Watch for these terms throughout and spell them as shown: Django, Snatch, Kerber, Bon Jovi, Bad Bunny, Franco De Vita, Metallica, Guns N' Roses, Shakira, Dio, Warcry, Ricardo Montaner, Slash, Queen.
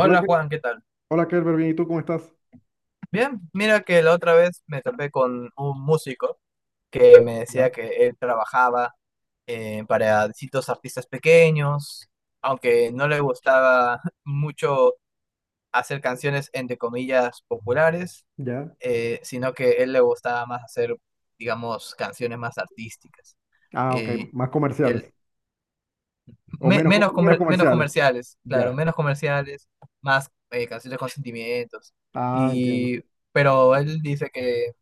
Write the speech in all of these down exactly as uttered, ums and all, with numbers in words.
Hola, Ke- Juan, ¿qué tal? hola Kerber, bien, ¿y tú cómo estás? Bien, mira que la otra vez me topé con un músico que me decía Ya, que él trabajaba eh, para distintos artistas pequeños, aunque no le gustaba mucho hacer canciones entre comillas populares, ya. eh, sino que él le gustaba más hacer, digamos, canciones más artísticas. Ah, ok, Eh, más él comerciales. O me- menos, co- Menos, menos comer- menos comerciales. comerciales, Ya. claro, menos comerciales, más eh, canciones con sentimientos. Ah, entiendo. Y, pero él dice que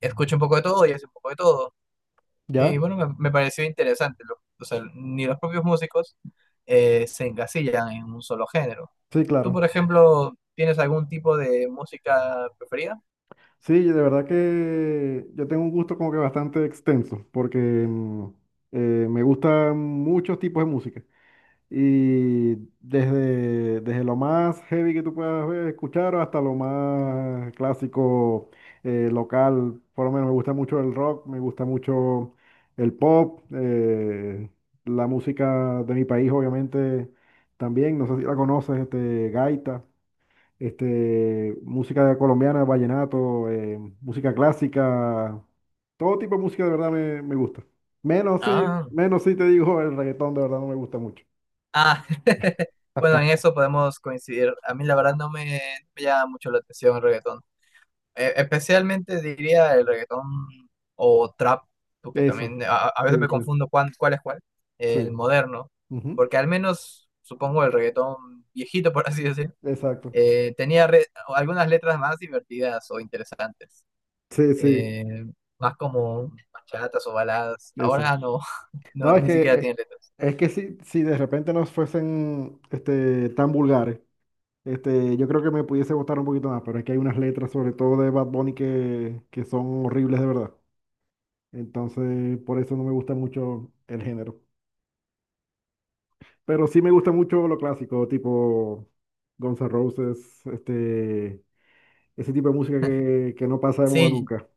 escucha un poco de todo y hace un poco de todo. Ya. Y bueno, me, me pareció interesante. Lo- o sea, ni los propios músicos eh, se encasillan en un solo género. Sí, ¿Tú, claro. por ejemplo, tienes algún tipo de música preferida? Sí, de verdad que yo tengo un gusto como que bastante extenso, porque mm, eh, me gustan muchos tipos de música. Y desde, desde lo más heavy que tú puedas ver, escuchar hasta lo más clásico eh, local, por lo menos me gusta mucho el rock, me gusta mucho el pop, eh, la música de mi país obviamente también, no sé si la conoces, este, gaita, este, música colombiana, vallenato, eh, música clásica, todo tipo de música de verdad me, me gusta. Menos sí, Ah, menos sí te digo, el reggaetón de verdad no me gusta mucho. ah, bueno, en eso podemos coincidir. A mí la verdad no me, me llama mucho la atención el reggaetón. E- especialmente diría el reggaetón o trap, porque Eso, también a, a veces sí, me sí, confundo cuán- cuál es cuál, el sí. moderno, Ujú. porque al menos supongo el reggaetón viejito, por así decir, Exacto. eh, tenía re- algunas letras más divertidas o interesantes, Sí, sí, eh, más como bachatas o baladas. eso. Ahora no, no, No, es ni que siquiera tiene eh, letras. es que si, si de repente no fuesen este, tan vulgares, este, yo creo que me pudiese gustar un poquito más, pero es que hay unas letras, sobre todo de Bad Bunny, que, que son horribles de verdad. Entonces, por eso no me gusta mucho el género. Pero sí me gusta mucho lo clásico, tipo Guns N' Roses, este, ese tipo de música que, que no pasa de moda Sí, nunca.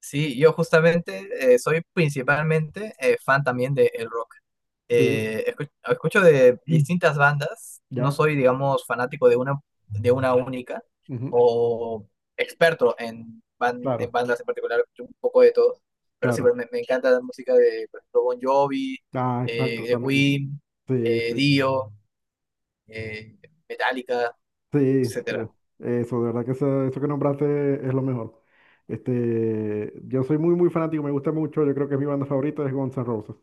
sí, yo justamente eh, soy principalmente eh, fan también del rock. Sí, eh, escu- Escucho, de distintas bandas, no ya. soy, digamos, fanático de una, de una única Ujú. o experto en, ban- en Claro. bandas en particular, escucho un poco de todo, pero sí, Claro. pues, me, me encanta la música de, por ejemplo, Bon Jovi, Ah, exacto, eh, de también. Queen, Sí, eh, sí. Dio, eh, Metallica, Sí, este, etcétera. eso, de verdad que eso, eso que nombraste es lo mejor. Este, yo soy muy, muy fanático, me gusta mucho, yo creo que es mi banda favorita es Guns N' Roses.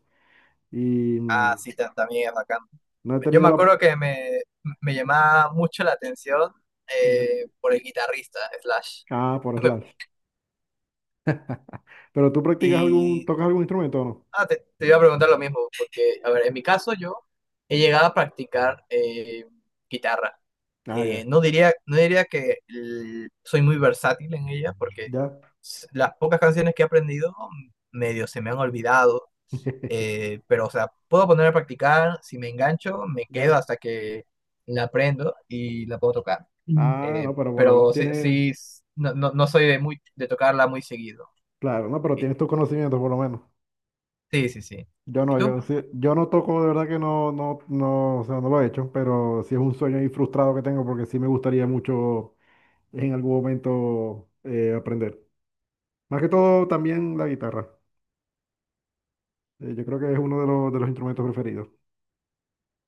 Y mm, Ah, sí, ta- también es bacán. no he Yo tenido me la... acuerdo que me, me llamaba mucho la atención Ya. eh, por el guitarrista, Slash. Ah, por Slash. ¿Pero tú practicas algún, Y tocas algún instrumento o no? Ah, te, te iba a preguntar lo mismo, porque, a ver, en mi caso yo he llegado a practicar eh, guitarra. Ah, ya, Eh, no diría, no diría que l- soy muy versátil en ella, porque ya, s- las pocas canciones que he aprendido medio se me han olvidado, eh, pero, o sea, puedo poner a practicar, si me engancho, me quedo ya. hasta que la aprendo y la puedo tocar. Mm. Ah, Eh, no, pero por lo menos pero sí, tienes, sí, s- no, no, no soy de, muy, de tocarla muy seguido. claro, no, pero tienes tus conocimientos por lo menos. Sí, sí, sí. Yo ¿Y no, tú? yo, sí- yo no toco, de verdad que no, no, no, o sea, no lo he hecho, pero sí es un sueño ahí frustrado que tengo porque sí me gustaría mucho en algún momento eh, aprender. Más que todo también la guitarra. Eh, yo creo que es uno de los, de los, instrumentos preferidos.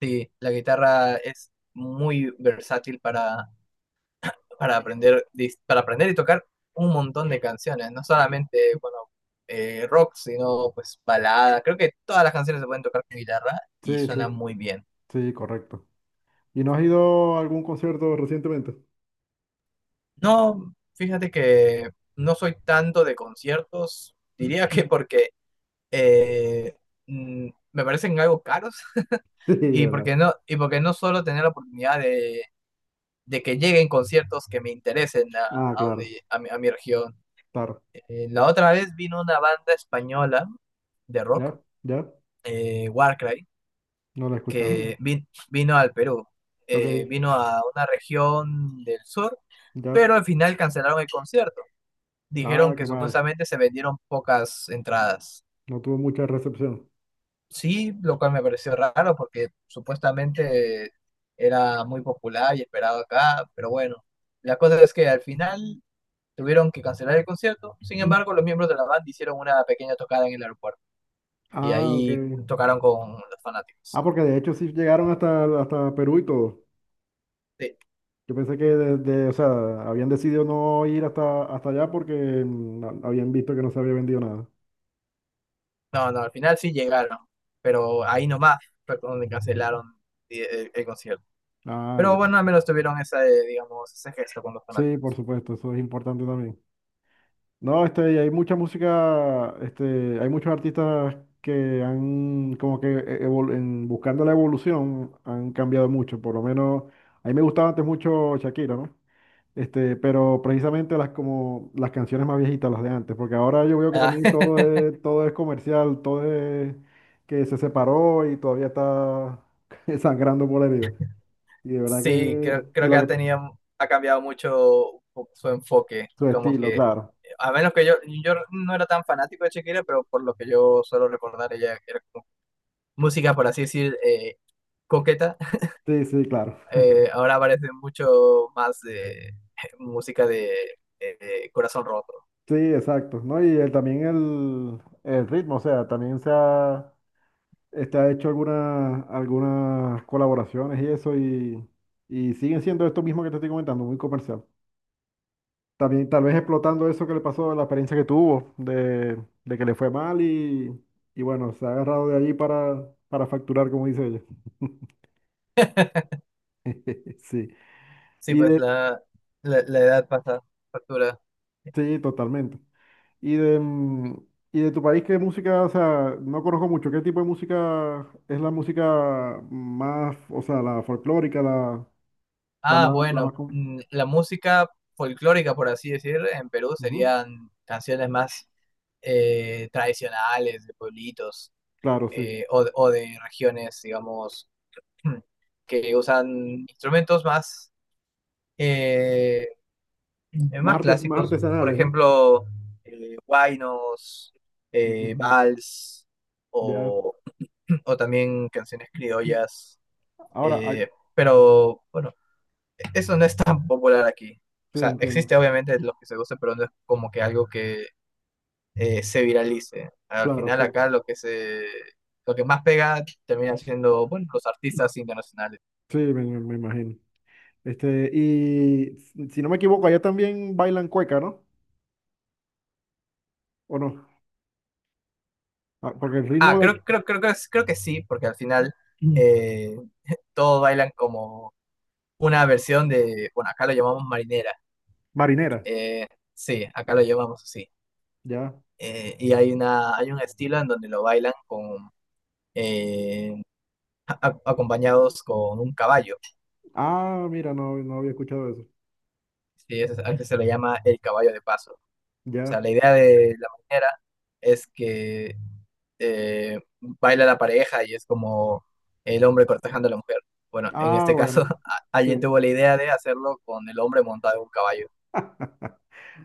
Sí, la guitarra es muy versátil para, para aprender, dis- para aprender y tocar un montón de canciones, no solamente, bueno, eh, rock, sino pues balada. Creo que todas las canciones se pueden tocar con guitarra y Sí, sí, suena muy bien. sí, correcto. ¿Y no has ido a algún concierto recientemente? No, fíjate que no soy tanto de conciertos, diría que porque eh, mm, me parecen algo caros Sí, de y porque verdad. no, y porque no solo tener la oportunidad de, de que lleguen conciertos que me interesen a, Ah, a claro, donde, a mi a mi región. claro. Eh, la otra vez vino una banda española de rock, Ya, ya, eh, Warcry, no lo he escuchado. que vi- vino al Perú. Eh, Ok, vino a una región del sur, ya. pero al final cancelaron el concierto. Dijeron Ah, que qué mal. supuestamente se vendieron pocas entradas. No tuvo mucha recepción. Sí, lo cual me pareció raro porque supuestamente era muy popular y esperado acá, pero bueno, la cosa es que al final tuvieron que cancelar el concierto. Sin embargo, los miembros de la banda hicieron una pequeña tocada en el aeropuerto, y Ah, ok. ahí tocaron con los Ah, fanáticos. porque de hecho sí llegaron hasta, hasta, Perú y todo. Sí. Yo pensé que de- de- o sea, habían decidido no ir hasta, hasta allá porque mm, ha- habían visto que no se había vendido nada. No, no, al final sí llegaron, pero ahí nomás fue donde cancelaron el, el- el concierto. Ah, Pero ya. bueno, al menos tuvieron esa, eh, digamos, ese gesto con los Sí, por fanáticos. supuesto, eso es importante también. No, este, y hay mucha música, este, hay muchos artistas que han, como que e- evol- en, buscando la evolución, han cambiado mucho. Por lo menos, a mí me gustaba antes mucho Shakira, ¿no? Este, pero precisamente las como las canciones más viejitas, las de antes, porque ahora yo veo que Ah, también todo es, todo es comercial, todo es que se separó y todavía está sangrando por la herida. Y de verdad sí, que creo, y creo que lo ha que- tenido, ha cambiado mucho su enfoque. su Como estilo, que, claro. a menos que yo, yo no era tan fanático de Shakira, pero por lo que yo suelo recordar, ella era como música, por así decir, eh, coqueta, Sí, sí, claro. eh, ahora parece mucho más de música de eh, corazón roto. Sí, exacto, ¿no? Y el- también el, el ritmo, o sea, también se ha, este, ha hecho algunas algunas colaboraciones y eso, y, y siguen siendo esto mismo que te estoy comentando, muy comercial. También, tal vez explotando eso que le pasó, la experiencia que tuvo, de, de que le fue mal y, y bueno, se ha agarrado de allí para, para facturar, como dice ella. Sí, Sí, y pues de, la, la, la edad pasa factura. sí, totalmente. Y de, mm, y de tu país, ¿qué música? O sea, no conozco mucho. ¿Qué tipo de música es la música más, o sea, la folclórica, la, la Ah, más, la más, bueno, con- mm, la música folclórica, por así decir, en Perú Ujú. serían canciones más eh, tradicionales de pueblitos Claro, sí, eh, o, de o de regiones, digamos, que usan instrumentos más eh, eh, más, más artes, más clásicos, por artesanales, ¿no? ejemplo, eh, huaynos, eh, Ujú. vals, Ya, o, o también canciones criollas, ahora, eh, ay, pero bueno, eso no es tan popular aquí. O sí, sea, entiendo, existe obviamente los que se guste, pero no es como que algo que eh, se viralice. Al claro, final sí, acá lo que se Lo que más pega termina siendo, bueno, los artistas internacionales. sí, me, me- me imagino. Este, y si si no me equivoco, allá también bailan cueca, ¿no? ¿O no? Ah, porque el Ah, ritmo de aquí... creo, creo, creo, creo, creo que sí, porque al final eh, todos bailan como una versión de, bueno, acá lo llamamos marinera. Marinera, Eh, sí, acá lo llamamos así. ya. Eh, y hay una, hay un estilo en donde lo bailan con eh, a- a- acompañados con un caballo. Ah, mira, no, no había escuchado eso. Sí, ese- es- a ese se le llama el caballo de paso. O sea, Ya. la idea de la marinera es que eh, baila la pareja y es como el hombre cortejando a la mujer. Bueno, en Ah, este caso, bueno. a- Sí. alguien tuvo la idea de hacerlo con el hombre montado en un caballo.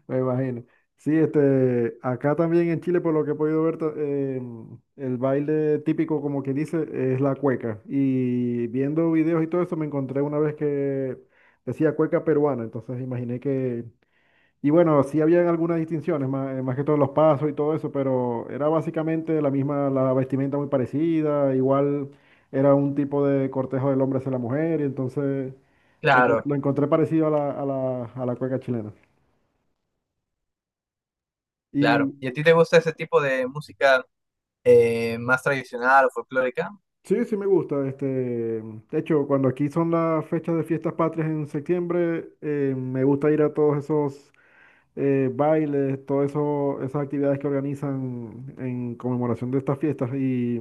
Me imagino. Sí, este, acá también en Chile, por lo que he podido ver, ta- em, el baile típico, como que dice, es la cueca. Y viendo videos y todo eso, me encontré una vez que decía cueca peruana, entonces imaginé que... Y bueno, sí habían algunas distinciones, más, más que todos los pasos y todo eso, pero era básicamente la misma, la vestimenta muy parecida, igual era un tipo de cortejo del hombre hacia la mujer, y entonces lo, Claro, encon- lo encontré parecido a la, a la, a la cueca chilena. Y claro. ¿Y a ti te gusta ese tipo de música? Eh, más tradicional o folclórica. sí, sí me gusta, este, de hecho, cuando aquí son las fechas de fiestas patrias en septiembre, eh, me gusta ir a todos esos eh, bailes, todo eso, esas actividades que organizan en conmemoración de estas fiestas y,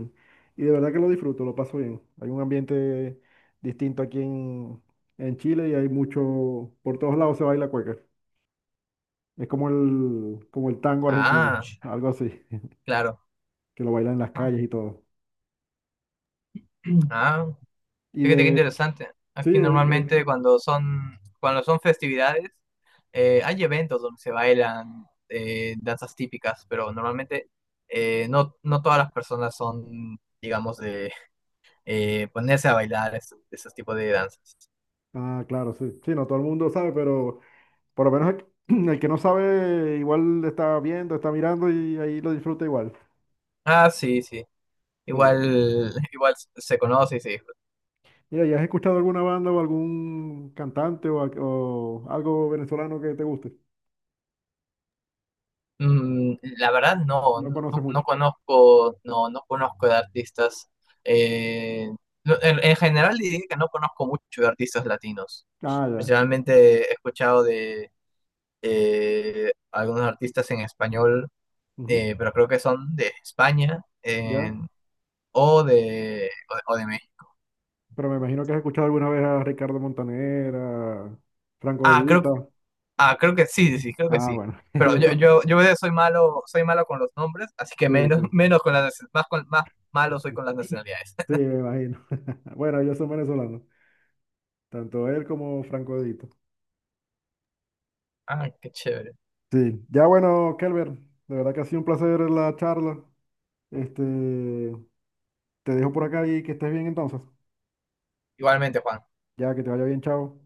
y de verdad que lo disfruto, lo paso bien. Hay un ambiente distinto aquí en, en Chile y hay mucho, por todos lados se baila cueca. Es como el, como el tango argentino, Ah, algo así, claro. que lo bailan en las Ah, calles y todo. ah, Y fíjate qué de, interesante. sí, Aquí el- el- normalmente cuando son, cuando son festividades, eh, hay eventos donde se bailan eh, danzas típicas, pero normalmente eh, no, no todas las personas son, digamos, de eh, ponerse a bailar es- esos tipos de danzas. ah, claro, sí, sí, no todo el mundo sabe, pero por lo menos el, el que no sabe igual está viendo, está mirando y ahí lo disfruta igual. Ah, sí, sí. Sí. Igual, igual se conoce y se. Mira, ¿ya has escuchado alguna banda o algún cantante o, al- o algo venezolano que te guste? Mm, la verdad no, No no, no conoces no mucho. conozco, no, no conozco de artistas. eh, no, en, en general diría que no conozco mucho de artistas latinos. Ah, ya. Principalmente he escuchado de eh, algunos artistas en español, Ujú. eh, pero creo que son de España Ya. en- o de, o de, o de México. Pero me imagino que has escuchado alguna vez a Ricardo Montaner, a Franco De Ah, creo, Vita. ah, creo que sí, sí, sí, creo que Ah, sí. bueno, Pero ellos yo, son. yo, yo soy malo, soy malo con los nombres, así que Sí, menos, sí. menos con las, más, con, más malo soy con las nacionalidades. Sí, me imagino. Bueno, ellos son venezolanos. Tanto él como Franco De Vita. Ah, qué chévere. Sí. Ya bueno, Kelber, de verdad que ha sido un placer la charla. Este, te dejo por acá y que estés bien entonces. Igualmente, Juan. Ya, que te vaya bien, chao.